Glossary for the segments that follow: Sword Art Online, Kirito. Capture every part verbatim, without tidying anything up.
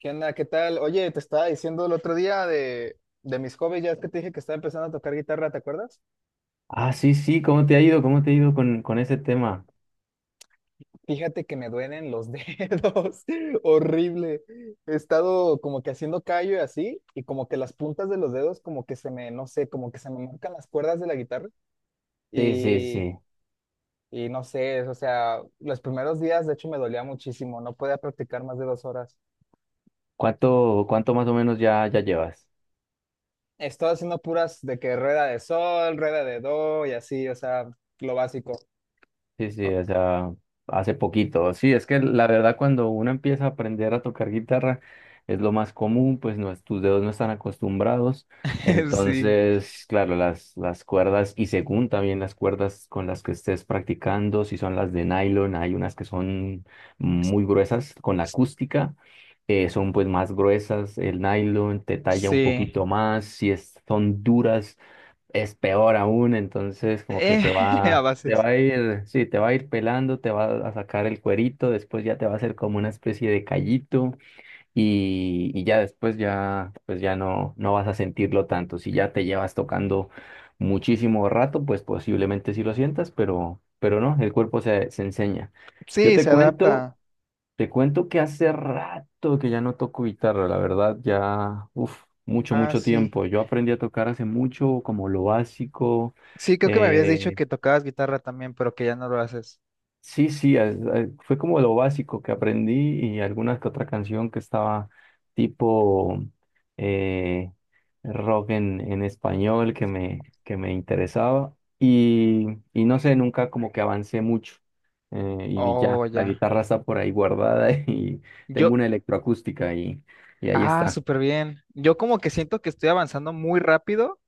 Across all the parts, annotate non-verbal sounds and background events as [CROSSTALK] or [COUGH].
¿Qué onda? ¿Qué tal? Oye, te estaba diciendo el otro día de, de mis hobbies, ya es que te dije que estaba empezando a tocar guitarra, ¿te acuerdas? Ah, sí, sí, ¿cómo te ha ido? ¿Cómo te ha ido con, con ese tema? Fíjate que me duelen los [LAUGHS] dedos, horrible. He estado como que haciendo callo y así, y como que las puntas de los dedos como que se me, no sé, como que se me marcan las cuerdas de la guitarra Sí, sí, y, sí. y no sé, o sea, los primeros días de hecho me dolía muchísimo, no podía practicar más de dos horas. ¿Cuánto, cuánto más o menos ya, ya llevas? He estado haciendo puras de que rueda de sol, rueda de do y así, o sea, lo básico. Sí, sí, o sea, hace poquito. Sí, es que la verdad cuando uno empieza a aprender a tocar guitarra es lo más común, pues no, es- tus dedos no están acostumbrados. [LAUGHS] Sí. Entonces, claro, las, las cuerdas, y según también las cuerdas con las que estés practicando, si son las de nylon, hay unas que son muy gruesas con la acústica. Eh, son pues más gruesas, el nylon te talla un Sí, poquito más, si es- son duras es peor aún. Entonces, como que eh, te [LAUGHS] a va, te bases. va a ir, sí, te va a ir pelando, te va a sacar el cuerito, después ya te va a hacer como una especie de callito, y, y ya después ya, pues ya no, no vas a sentirlo tanto. Si ya te llevas tocando muchísimo rato, pues posiblemente sí lo sientas, pero, pero no, el cuerpo se, se enseña. Yo Sí, te se cuento. adapta. Te cuento que hace rato que ya no toco guitarra, la verdad, ya, uff, mucho, Ah, mucho sí. tiempo. Yo aprendí a tocar hace mucho, como lo básico. Sí, creo que me habías dicho eh, que tocabas guitarra también, pero que ya no lo haces. Sí, sí, a- a- fue como lo básico que aprendí y alguna que otra canción que estaba tipo eh, rock en, en español que me, que me interesaba, y, y no sé, nunca como que avancé mucho. Eh, y ya, Oh, la ya. guitarra está por ahí guardada [LAUGHS] y tengo Yo, una electroacústica, y, y ahí ah, está. súper bien. Yo como que siento que estoy avanzando muy rápido,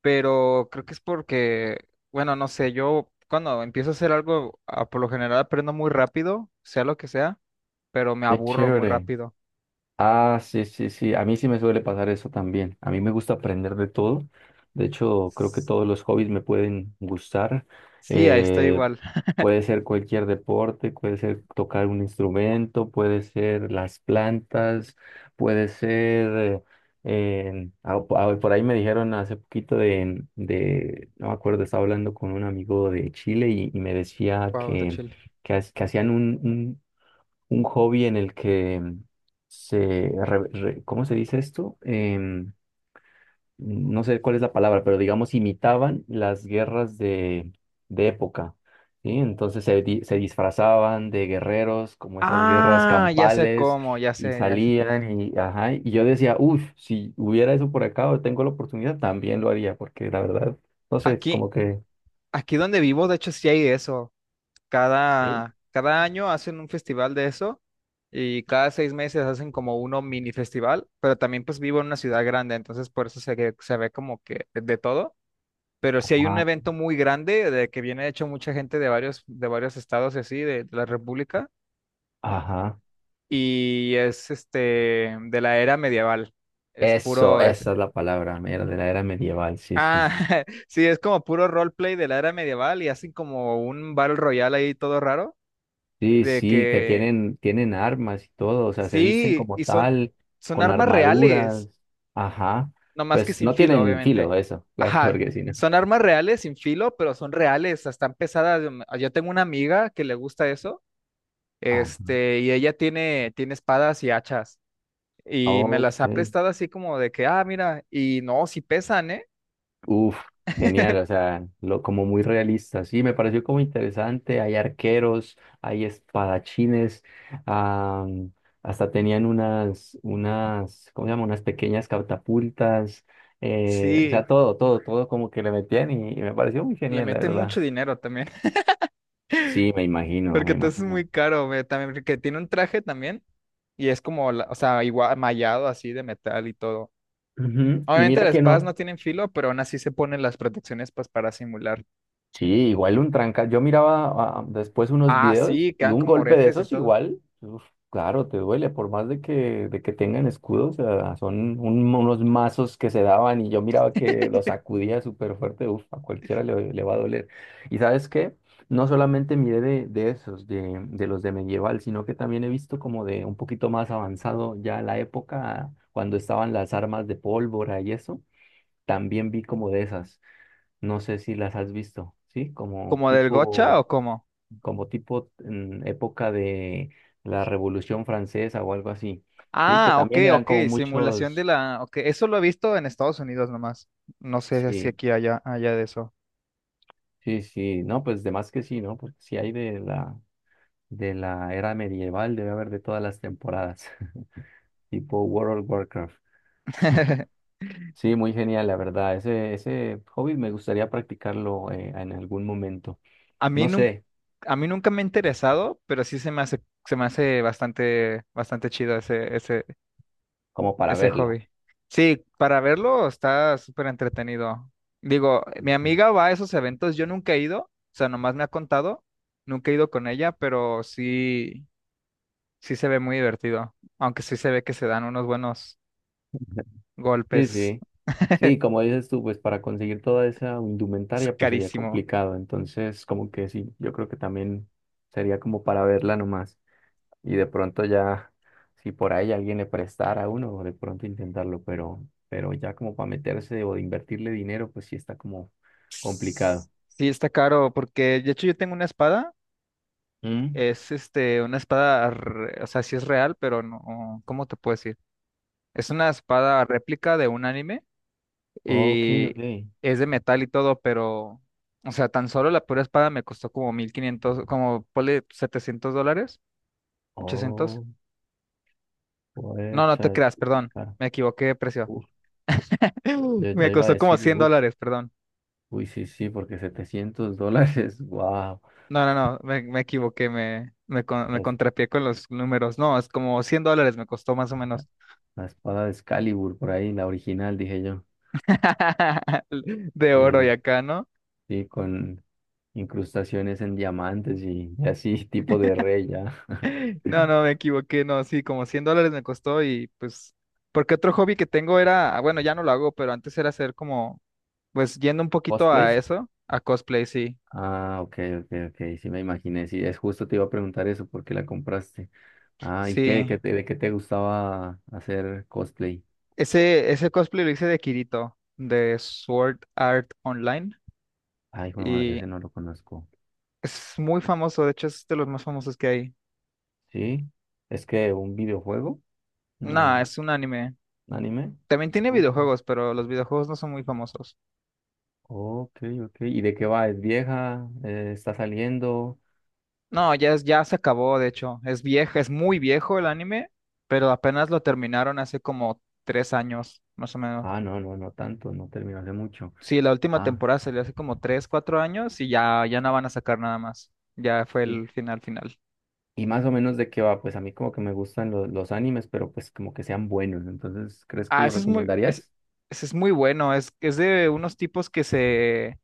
pero creo que es porque, bueno, no sé, yo cuando empiezo a hacer algo, ah, por lo general aprendo muy rápido, sea lo que sea, pero me Qué aburro muy chévere. rápido. Ah, sí, sí, sí. A mí sí me suele pasar eso también. A mí me gusta aprender de todo. De hecho, creo que S- todos los hobbies me pueden gustar. Sí, ahí estoy Eh, igual. puede ser cualquier deporte, puede ser tocar un instrumento, puede ser las plantas, puede ser... eh, ah, po- ah, por ahí me dijeron hace poquito de, de... No me acuerdo, estaba hablando con un amigo de Chile y, y me decía Wow, está que, chill. que, ha- que hacían un hobby en el que mm, se, re- re- ¿cómo se dice esto? Em, no sé cuál es la palabra, pero digamos imitaban las guerras de, de época, ¿sí? Entonces, se, di- se disfrazaban de guerreros, como esas guerras Ah, ya sé campales, cómo, ya y sé, ya sé. salían y, ajá, y yo decía, uff, si hubiera eso por acá o tengo la oportunidad, también lo haría, porque la verdad, no sé, Aquí, como que... Aquí donde vivo, de hecho, sí hay eso. Sí. Cada, cada año hacen un festival de eso y cada seis meses hacen como uno mini festival, pero también pues vivo en una ciudad grande, entonces por eso se, ve- se ve como que de todo. Pero sí hay un Ajá. evento muy grande de que viene de hecho mucha gente de varios, de varios estados y así, de, de la República, Ajá. y es este, de la era medieval. Es Eso, puro, es, esa es la palabra, mira, de la era medieval, sí, sí, ah, sí. [LAUGHS] sí, es como puro roleplay de la era medieval y hacen como un battle royal ahí todo raro. Sí, De sí, que que tienen, tienen armas y todo, o sea, se visten sí, como y son, tal, son con armas reales, armaduras, ajá, nomás que pues sin no filo, tienen filo obviamente. eso, claro, [LAUGHS] Ajá, porque si no. son armas reales sin filo, pero son reales, o sea, están pesadas. Yo tengo una amiga que le gusta eso, Ah, este, y ella tiene, tiene espadas y hachas, y me las ha ok, prestado así como de que, ah, mira, y no, sí pesan, ¿eh? uf, genial, o sea, lo, como muy realista, sí, me pareció como interesante, hay arqueros, hay espadachines, ah, hasta tenían unas, unas, ¿cómo se llama? Unas pequeñas catapultas. Eh, o sea, Sí, todo, todo, todo como que le metían, y, y me pareció muy le genial, la meten mucho verdad. dinero también, [LAUGHS] Sí, me imagino, porque me entonces es muy imagino. caro, güey, también, porque tiene un traje también, y es como, la- o sea, igual, mallado así de metal y todo. Ujú, y Obviamente mira las que espadas no no, tienen filo, pero aún así se ponen las protecciones pues, para simular. sí, igual un tranca. Yo miraba ah, después unos Ah, videos sí, y quedan un como golpe de oretes y esos todo. igual, uf, claro, te duele, por más de que, de que tengan escudos, o sea, son un- unos mazos que se daban y yo miraba que los sacudía súper fuerte, uf, a cualquiera le, le va a doler. ¿Y sabes qué? No solamente miré de, de esos, de, de los de medieval, sino que también he visto como de un poquito más avanzado ya la época cuando estaban las armas de pólvora y eso. También vi como de esas, no sé si las has visto, ¿sí? Como ¿Como del gocha tipo, o cómo? como tipo mm, época de la Revolución Francesa o algo así, ¿sí? Que Ah, ok, también eran ok, como simulación de muchos, la... Ok, eso lo he visto en Estados Unidos nomás. No sé si sí, aquí allá, allá de eso. sí, sí, no, pues de más que sí, ¿no? Porque si hay de la, de la era medieval, debe haber de todas las temporadas, [LAUGHS] tipo World of Warcraft. [LAUGHS] Sí, muy genial, la verdad. Ese, ese hobby me gustaría practicarlo eh, en algún momento. A mí, No nunca sé, a mí nunca me ha interesado, pero sí se me hace, se me hace, bastante, bastante chido ese, ese, como para ese verlo. hobby. Sí, para verlo está súper entretenido. Digo, mi amiga [LAUGHS] va a esos eventos, yo nunca he ido, o sea, nomás me ha contado, nunca he ido con ella, pero sí, sí se ve muy divertido, aunque sí se ve que se dan unos buenos Ujú. Sí, golpes, sí. Sí, como dices tú, pues para conseguir toda esa es indumentaria, pues sería carísimo. complicado. Entonces, como que sí, yo creo que también sería como para verla nomás. Y de pronto ya, si por ahí alguien le prestara a uno, de pronto intentarlo, pero, pero ya como para meterse o de invertirle dinero, pues sí está como complicado. Sí, está caro, porque de hecho yo tengo una espada, Mm, es este, una espada, re- o sea, sí es real, pero no, ¿cómo te puedo decir? Es una espada réplica de un anime ok, y ok. es de metal y todo, pero, o sea, tan solo la pura espada me costó como mil quinientos como ponle setecientos dólares, ochocientos. Oh, No, no te puecha, es creas, súper perdón, caro. me equivoqué de [LAUGHS] precio. Uf, [LAUGHS] yo ya Me iba a costó como decir, cien uf, dólares, perdón. uy, sí, sí, porque setecientos dólares, [LAUGHS] wow. No, no, no, me, me equivoqué, me, me, con- me contrapié con los números. No, es como cien dólares me costó más o menos La espada de Excalibur, por ahí, la original, dije yo. [LAUGHS] de Sí, oro y acá, ¿no? sí, con incrustaciones en diamantes y, y así, [LAUGHS] tipo de rey ya. No, [LAUGHS] no, me equivoqué, no, sí, como cien dólares me costó y pues... Porque otro hobby que tengo era, ah, bueno, ya no lo hago, pero antes era hacer como... Pues yendo un poquito a ¿Cosplays? eso, a cosplay, sí. Ah, ok, ok, ok, sí me imaginé. Sí, es justo te iba a preguntar eso, ¿por qué la compraste? Ah, ¿y qué, de qué Sí. te, de qué te gustaba hacer cosplay? Ese, ese cosplay lo hice de Kirito, de Sword Art Online. Ay, hijo de madre, Y ese no lo conozco. es muy famoso, de hecho es de los más famosos que hay. ¿Sí? ¿Es que un videojuego? No, ¿Una- es un anime. ¿Un anime? También tiene Ujú. videojuegos, pero los videojuegos no son muy famosos. Ok, ok. ¿Y de qué va? ¿Es vieja? Eh, ¿está saliendo? No, ya, es- ya se acabó, de hecho. Es viejo, es muy viejo el anime, pero apenas lo terminaron hace como tres años, más o menos. Ah, no, no, no tanto, no terminó hace mucho. Sí, la última Ah, temporada salió hace como tres, cuatro años y ya, ya no van a sacar nada más. Ya fue y, el final final. y más o menos de qué va, pues a mí como que me gustan los, los animes, pero pues como que sean buenos. Entonces, ¿crees que Ah, lo ese es muy, es, recomendarías? ese es muy bueno. Es, es de unos tipos que se,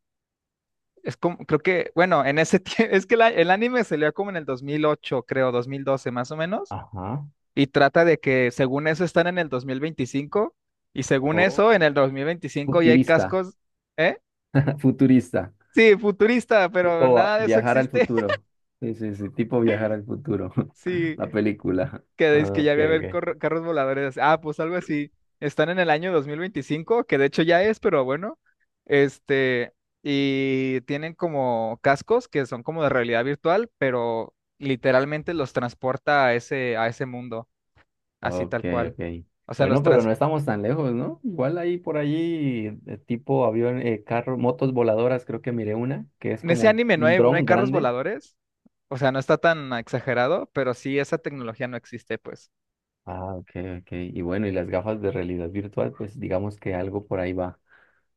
es como, creo que, bueno, en ese tiempo, [LAUGHS] es que la- el anime salió como en el dos mil ocho, creo, dos mil doce más o menos, Ajá. y trata de que según eso están en el dos mil veinticinco y según O eso en el dos mil veinticinco ya hay futurista, cascos, ¿eh? [LAUGHS] futurista. Sí, futurista, pero Tipo va- nada de eso viajar al existe. [LAUGHS] futuro. Sí, sí, sí, tipo viajar al futuro. [LAUGHS] Sí. La película. Que dice Ah, que ya ok, va a haber ok. corro- carros voladores. Ah, pues algo así. Están en el año dos mil veinticinco que de hecho ya es, pero bueno. Este, y tienen como cascos que son como de realidad virtual, pero literalmente los transporta a ese, a ese, mundo, así Ok, tal cual. ok. O sea, los Bueno, pero trans... no estamos tan lejos, ¿no? Igual ahí por allí, eh, tipo avión, eh, carro, motos voladoras, creo que miré una, que es En ese como un, anime no un hay, no hay dron carros grande. voladores. O sea, no está tan exagerado, pero sí, esa tecnología no existe, pues. Ah, ok, ok. Y bueno, y las gafas de realidad virtual, pues digamos que algo por ahí va.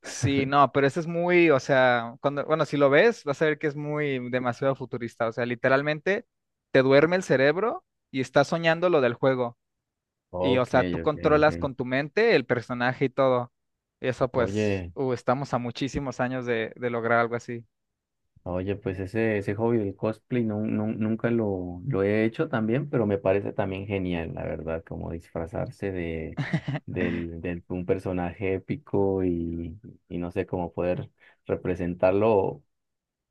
Sí, [LAUGHS] no, pero eso es muy, o sea, cuando, bueno, si lo ves, vas a ver que es muy demasiado futurista. O sea, literalmente te duerme el cerebro y estás soñando lo del juego. Y, o Ok, sea, tú ok, ok. controlas con tu mente el personaje y todo. Y eso, pues, Oye, uh, estamos a muchísimos años de, de lograr algo así. oye, pues ese, ese hobby del cosplay no, no- nunca lo, lo he hecho también, pero me parece también genial, la verdad, como disfrazarse de, del, del- un personaje épico, y, y no sé, cómo poder representarlo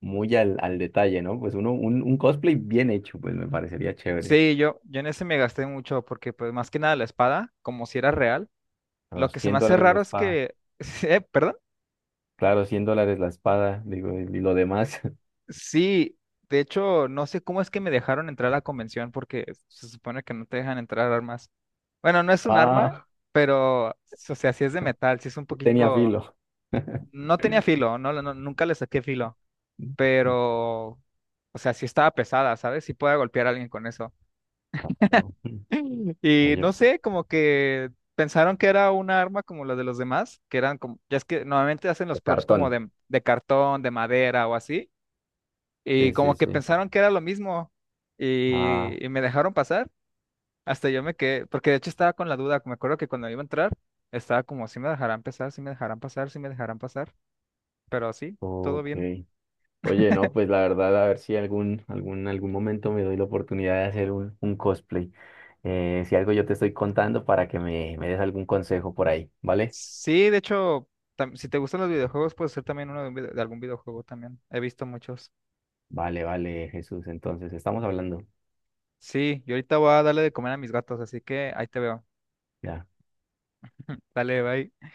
muy al, al detalle, ¿no? Pues uno, un, un cosplay bien hecho, pues me parecería chévere. Sí, yo, yo en ese me gasté mucho porque, pues, más que nada la espada, como si era real. A Lo los que se cien me hace dólares la raro es espada. que, [LAUGHS] eh, perdón. Claro, cien dólares la espada, digo, y y lo demás. [LAUGHS] Sí, de hecho, no sé cómo es que me dejaron entrar a la convención porque se supone que no te dejan entrar armas. Bueno, no es un arma, Ah, pero, o sea, sí es de metal, sí es un sí tenía poquito... filo. No tenía filo, no, no- nunca le saqué filo, pero, o sea, sí estaba pesada, ¿sabes? Sí podía golpear a alguien con eso. Ah, no. [LAUGHS] [LAUGHS] Y Oye, no sé, como que pensaron que era una arma como la de los demás, que eran como, ya es que normalmente hacen los de props como cartón. de, de cartón, de madera o así. Y Sí, sí, como que sí. pensaron que era lo mismo Ah, y, y me dejaron pasar. Hasta yo me quedé, porque de hecho estaba con la duda. Me acuerdo que cuando iba a entrar, estaba como, si me dejarán pasar, si me dejarán pasar, si me dejarán pasar. Pero sí, todo ok. bien. Oye, no, pues la verdad, a ver si algún, algún, algún momento me doy la oportunidad de hacer un, un cosplay. Eh, si algo yo te estoy contando para que me, me des algún consejo por ahí, ¿vale? Sí, de hecho, tam- si te gustan los videojuegos, puede ser también uno de, un vide- de algún videojuego también. He visto muchos. Vale, vale, Jesús. Entonces, estamos hablando. Sí, yo ahorita voy a darle de comer a mis gatos, así que ahí te veo. Ya Dale, bye.